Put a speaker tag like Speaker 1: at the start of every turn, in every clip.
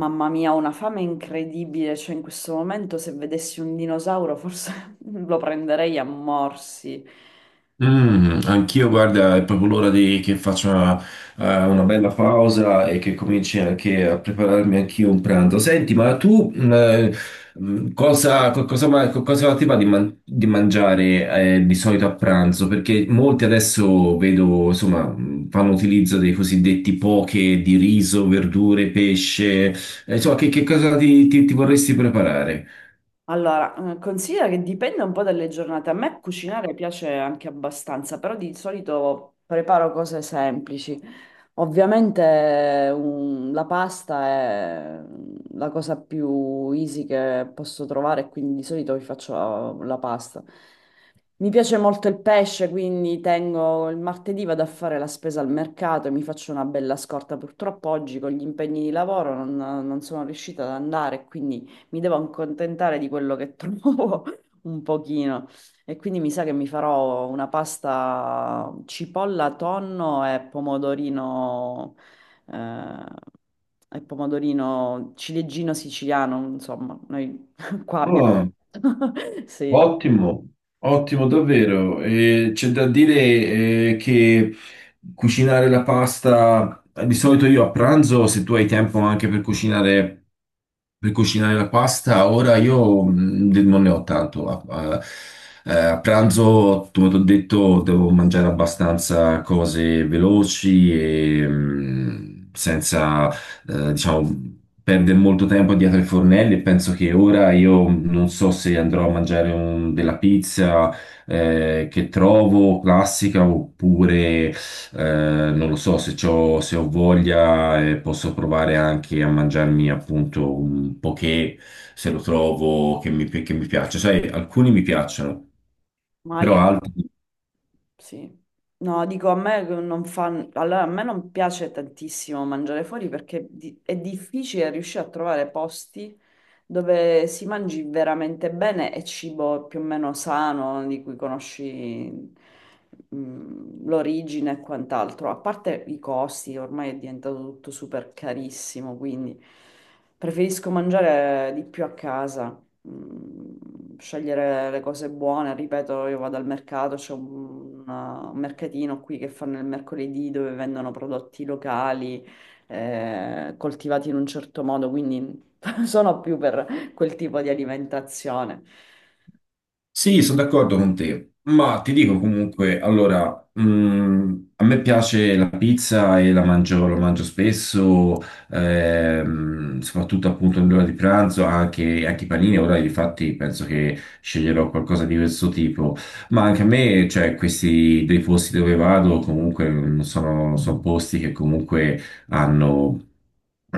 Speaker 1: Mamma mia, ho una fame incredibile, cioè in questo momento se vedessi un dinosauro forse lo prenderei a morsi.
Speaker 2: Anch'io, guarda, è proprio che faccia una bella pausa e che cominci anche a prepararmi anch'io un pranzo. Senti, ma tu cosa, cosa ti va di mangiare di solito a pranzo? Perché molti adesso vedo, insomma, fanno utilizzo dei cosiddetti poke di riso, verdure, pesce. Insomma, che cosa ti vorresti preparare?
Speaker 1: Allora, considera che dipende un po' dalle giornate. A me cucinare piace anche abbastanza, però di solito preparo cose semplici. La pasta è la cosa più easy che posso trovare, quindi di solito vi faccio la pasta. Mi piace molto il pesce, quindi tengo il martedì vado a fare la spesa al mercato e mi faccio una bella scorta. Purtroppo oggi con gli impegni di lavoro non sono riuscita ad andare, quindi mi devo accontentare di quello che trovo un pochino. E quindi mi sa che mi farò una pasta cipolla, tonno eh, e pomodorino ciliegino siciliano, insomma, noi qua abbiamo. Sì.
Speaker 2: Ottimo, ottimo davvero. C'è da dire, che cucinare la pasta, di solito io a pranzo, se tu hai tempo anche per cucinare. Per cucinare la pasta, ora io non ne ho tanto. A pranzo, come ti ho detto, devo mangiare abbastanza cose veloci e senza, diciamo, perdere molto tempo dietro ai fornelli. E penso che ora io non so se andrò a mangiare della pizza, che trovo classica oppure. Non lo so se ho voglia e posso provare anche a mangiarmi appunto un poké se lo trovo che che mi piace. Sai, alcuni mi piacciono,
Speaker 1: Ma
Speaker 2: però
Speaker 1: io
Speaker 2: altri.
Speaker 1: sì. No, dico a me non fa... Allora, a me non piace tantissimo mangiare fuori perché è difficile riuscire a trovare posti dove si mangi veramente bene e cibo più o meno sano, di cui conosci l'origine e quant'altro. A parte i costi, ormai è diventato tutto super carissimo, quindi preferisco mangiare di più a casa, scegliere le cose buone. Ripeto, io vado al mercato, c'è un mercatino qui che fanno il mercoledì dove vendono prodotti locali, coltivati in un certo modo, quindi sono più per quel tipo di alimentazione.
Speaker 2: Sì, sono d'accordo con te, ma ti dico comunque, allora, a me piace la pizza e la mangio spesso, soprattutto appunto nell'ora di pranzo, anche, anche i panini, ora infatti penso che sceglierò qualcosa di questo tipo, ma anche a me, cioè, questi dei posti dove vado, comunque sono, sono posti che comunque hanno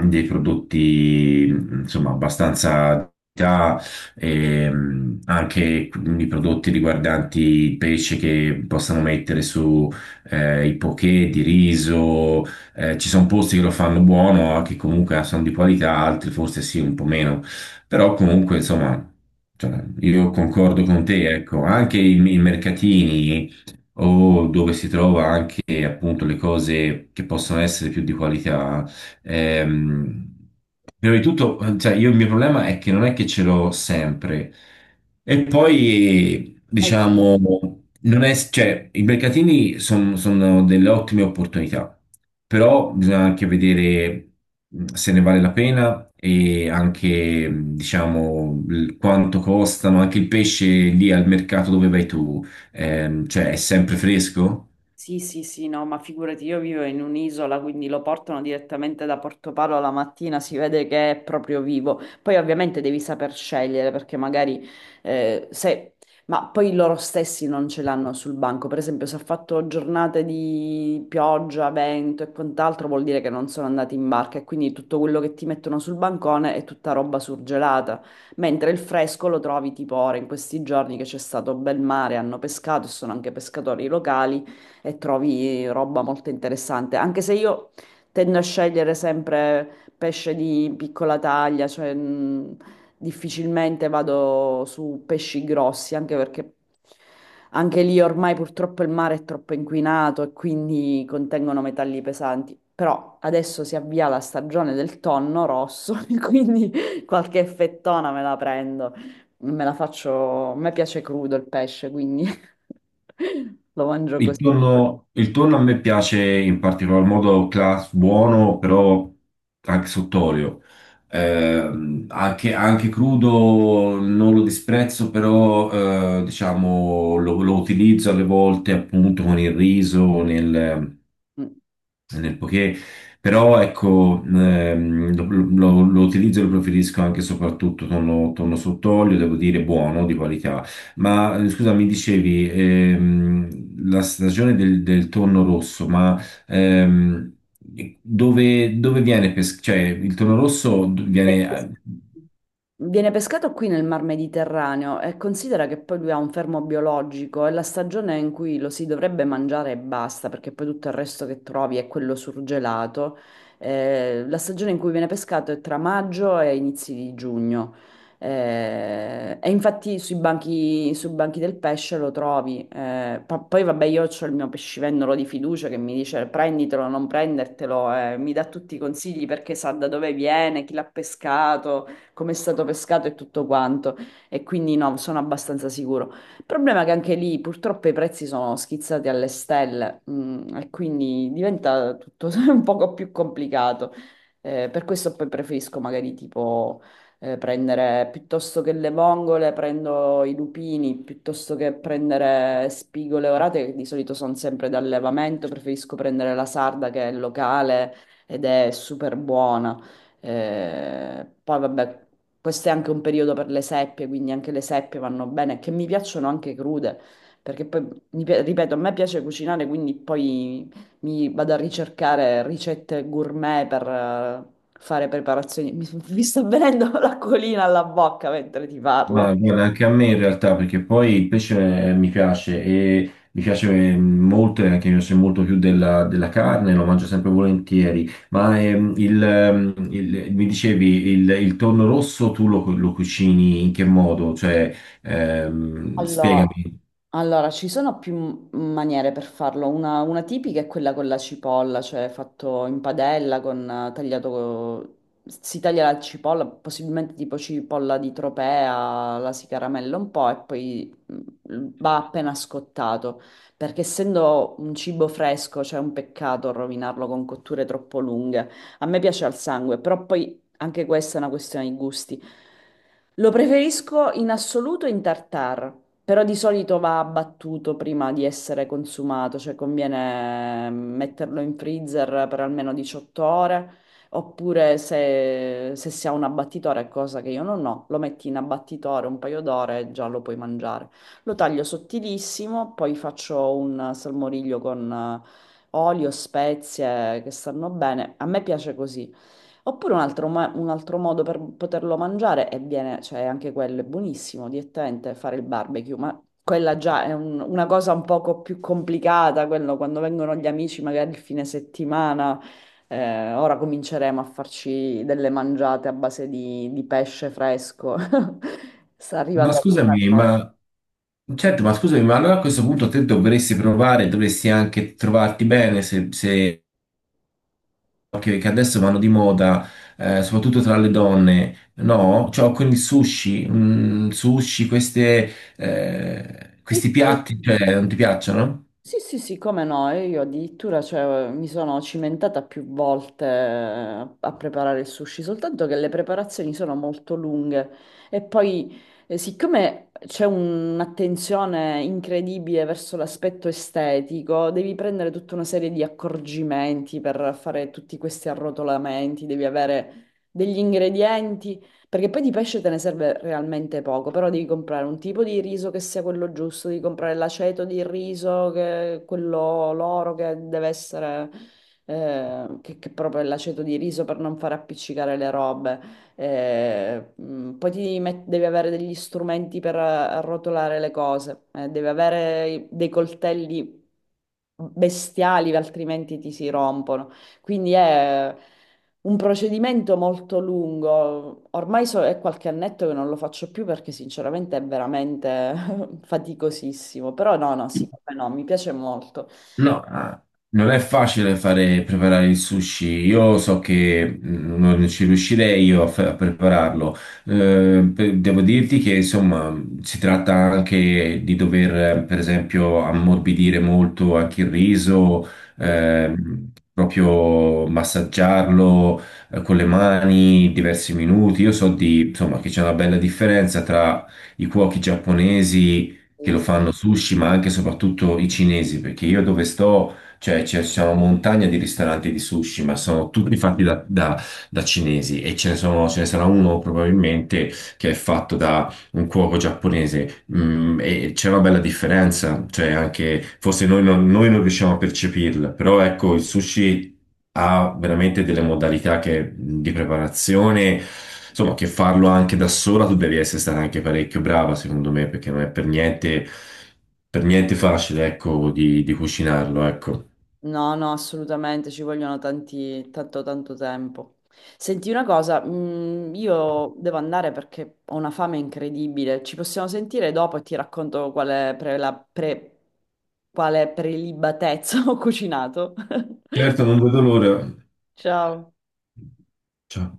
Speaker 2: dei prodotti, insomma, abbastanza di qualità, e, anche i prodotti riguardanti il pesce che possono mettere su i poké di riso, ci sono posti che lo fanno buono, che comunque sono di qualità, altri forse sì, un po' meno, però comunque insomma, cioè, io concordo con te, ecco, anche i mercatini o dove si trova anche appunto le cose che possono essere più di qualità. Ehm, Prima di tutto, cioè, io il mio problema è che non è che ce l'ho sempre. E poi,
Speaker 1: E
Speaker 2: diciamo, non è, cioè, sono delle ottime opportunità, però bisogna anche vedere se ne vale la pena e anche, diciamo, quanto costano. Anche il pesce lì al mercato dove vai tu, cioè, è sempre fresco?
Speaker 1: sì, sì, sì, no, ma figurati, io vivo in un'isola, quindi lo portano direttamente da Porto Portopalo la mattina, si vede che è proprio vivo. Poi ovviamente devi saper scegliere, perché magari se... Ma poi loro stessi non ce l'hanno sul banco. Per esempio, se ha fatto giornate di pioggia, vento e quant'altro, vuol dire che non sono andati in barca e quindi tutto quello che ti mettono sul bancone è tutta roba surgelata. Mentre il fresco lo trovi tipo ora, in questi giorni che c'è stato bel mare, hanno pescato e sono anche pescatori locali e trovi roba molto interessante. Anche se io tendo a scegliere sempre pesce di piccola taglia, cioè difficilmente vado su pesci grossi, anche perché anche lì ormai purtroppo il mare è troppo inquinato e quindi contengono metalli pesanti. Però adesso si avvia la stagione del tonno rosso, e quindi qualche fettona me la prendo. Me la faccio, a me piace crudo il pesce, quindi lo mangio così.
Speaker 2: Il tonno a me piace in particolar modo class buono, però anche sott'olio. Anche, anche crudo non lo disprezzo, però diciamo, lo utilizzo alle volte appunto con il riso, nel,
Speaker 1: Mm.
Speaker 2: nel poké, però ecco, lo utilizzo e lo preferisco anche e soprattutto tonno, tonno sott'olio, devo dire buono, di qualità. Ma scusa, mi dicevi, la stagione del tonno rosso, ma ehm, dove, dove viene pescato? Cioè, il tonno rosso
Speaker 1: Viene
Speaker 2: viene,
Speaker 1: pescato. Viene pescato qui nel Mar Mediterraneo e considera che poi lui ha un fermo biologico e la stagione in cui lo si dovrebbe mangiare e basta, perché poi tutto il resto che trovi è quello surgelato. La stagione in cui viene pescato è tra maggio e inizi di giugno. E infatti sui banchi del pesce lo trovi. Poi vabbè, io ho il mio pescivendolo di fiducia che mi dice prenditelo, non prendertelo, mi dà tutti i consigli perché sa da dove viene, chi l'ha pescato, come è stato pescato e tutto quanto. E quindi no, sono abbastanza sicuro. Il problema è che anche lì purtroppo i prezzi sono schizzati alle stelle, e quindi diventa tutto un poco più complicato. Per questo poi preferisco magari tipo prendere piuttosto che le vongole, prendo i lupini, piuttosto che prendere spigole orate, che di solito sono sempre d'allevamento, preferisco prendere la sarda che è locale ed è super buona. Poi vabbè, questo è anche un periodo per le seppie, quindi anche le seppie vanno bene, che mi piacciono anche crude, perché poi, ripeto, a me piace cucinare, quindi poi mi vado a ricercare ricette gourmet per fare preparazioni. Mi sta venendo l'acquolina alla bocca mentre ti
Speaker 2: ma
Speaker 1: parlo.
Speaker 2: guarda, anche a me in realtà, perché poi il pesce mi piace e mi piace molto, e anche mi piace molto più della, della carne, lo mangio sempre volentieri. Ma mi dicevi, il tonno rosso tu lo, lo cucini in che modo? Cioè,
Speaker 1: Allora,
Speaker 2: spiegami.
Speaker 1: allora, ci sono più maniere per farlo. Una tipica è quella con la cipolla, cioè fatto in padella, con, tagliato, si taglia la cipolla, possibilmente tipo cipolla di tropea, la si caramella un po' e poi va appena scottato, perché essendo un cibo fresco, c'è un peccato rovinarlo con cotture troppo lunghe. A me piace al sangue, però poi anche questa è una questione di gusti. Lo preferisco in assoluto in tartare, però di solito va abbattuto prima di essere consumato, cioè conviene metterlo in freezer per almeno 18 ore, oppure se si ha un abbattitore, cosa che io non ho, lo metti in abbattitore un paio d'ore e già lo puoi mangiare. Lo taglio sottilissimo, poi faccio un salmoriglio con eh, olio, spezie che stanno bene. A me piace così. Oppure un altro modo per poterlo mangiare e viene, cioè anche quello è buonissimo, direttamente fare il barbecue, ma quella già è una cosa un poco più complicata, quello quando vengono gli amici magari il fine settimana, ora cominceremo a farci delle mangiate a base di pesce fresco. Sta
Speaker 2: Ma
Speaker 1: arrivando la
Speaker 2: scusami,
Speaker 1: stagione.
Speaker 2: ma certo, ma scusami, ma allora a questo punto te dovresti provare, dovresti anche trovarti bene se, se che, che adesso vanno di moda, soprattutto tra le donne, no? Cioè, quindi sushi, sushi, queste,
Speaker 1: Sì, sì.
Speaker 2: questi piatti, cioè, non ti piacciono?
Speaker 1: Sì, sì, sì, come no, e io addirittura cioè, mi sono cimentata più volte a preparare il sushi, soltanto che le preparazioni sono molto lunghe e poi siccome c'è un'attenzione incredibile verso l'aspetto estetico, devi prendere tutta una serie di accorgimenti per fare tutti questi arrotolamenti, devi avere degli ingredienti perché poi di pesce te ne serve realmente poco, però devi comprare un tipo di riso che sia quello giusto, devi comprare l'aceto di riso, quello l'oro che deve essere, che proprio è l'aceto di riso per non far appiccicare le robe. Poi ti devi, devi avere degli strumenti per arrotolare le cose, devi avere dei coltelli bestiali, altrimenti ti si rompono. Quindi è un procedimento molto lungo. Ormai è qualche annetto che non lo faccio più perché sinceramente è veramente faticosissimo. Però no, no, sì, come no, mi piace molto.
Speaker 2: No, ah, non è facile fare, preparare il sushi. Io so che non ci riuscirei io a, a prepararlo. Devo dirti che insomma si tratta anche di dover, per esempio, ammorbidire molto anche il riso,
Speaker 1: Sì,
Speaker 2: proprio massaggiarlo, con le mani diversi minuti. Io so di, insomma, che c'è una bella differenza tra i cuochi giapponesi che
Speaker 1: sì,
Speaker 2: lo
Speaker 1: sì.
Speaker 2: fanno sushi, ma anche e soprattutto i cinesi, perché io dove sto, cioè c'è una montagna di ristoranti di sushi, ma sono tutti fatti da cinesi e ce ne sono, ce ne sarà uno probabilmente che è fatto da un cuoco giapponese e c'è una bella differenza, cioè anche forse noi non riusciamo a percepirla, però ecco il sushi ha veramente delle modalità di preparazione, insomma che farlo anche da sola tu devi essere stata anche parecchio brava secondo me perché non è per niente facile ecco di cucinarlo, ecco.
Speaker 1: No, no, assolutamente, ci vogliono tanti, tanto, tanto tempo. Senti una cosa, io devo andare perché ho una fame incredibile. Ci possiamo sentire dopo e ti racconto quale prelibatezza ho cucinato.
Speaker 2: Certo, non vedo l'ora.
Speaker 1: Ciao.
Speaker 2: Ciao.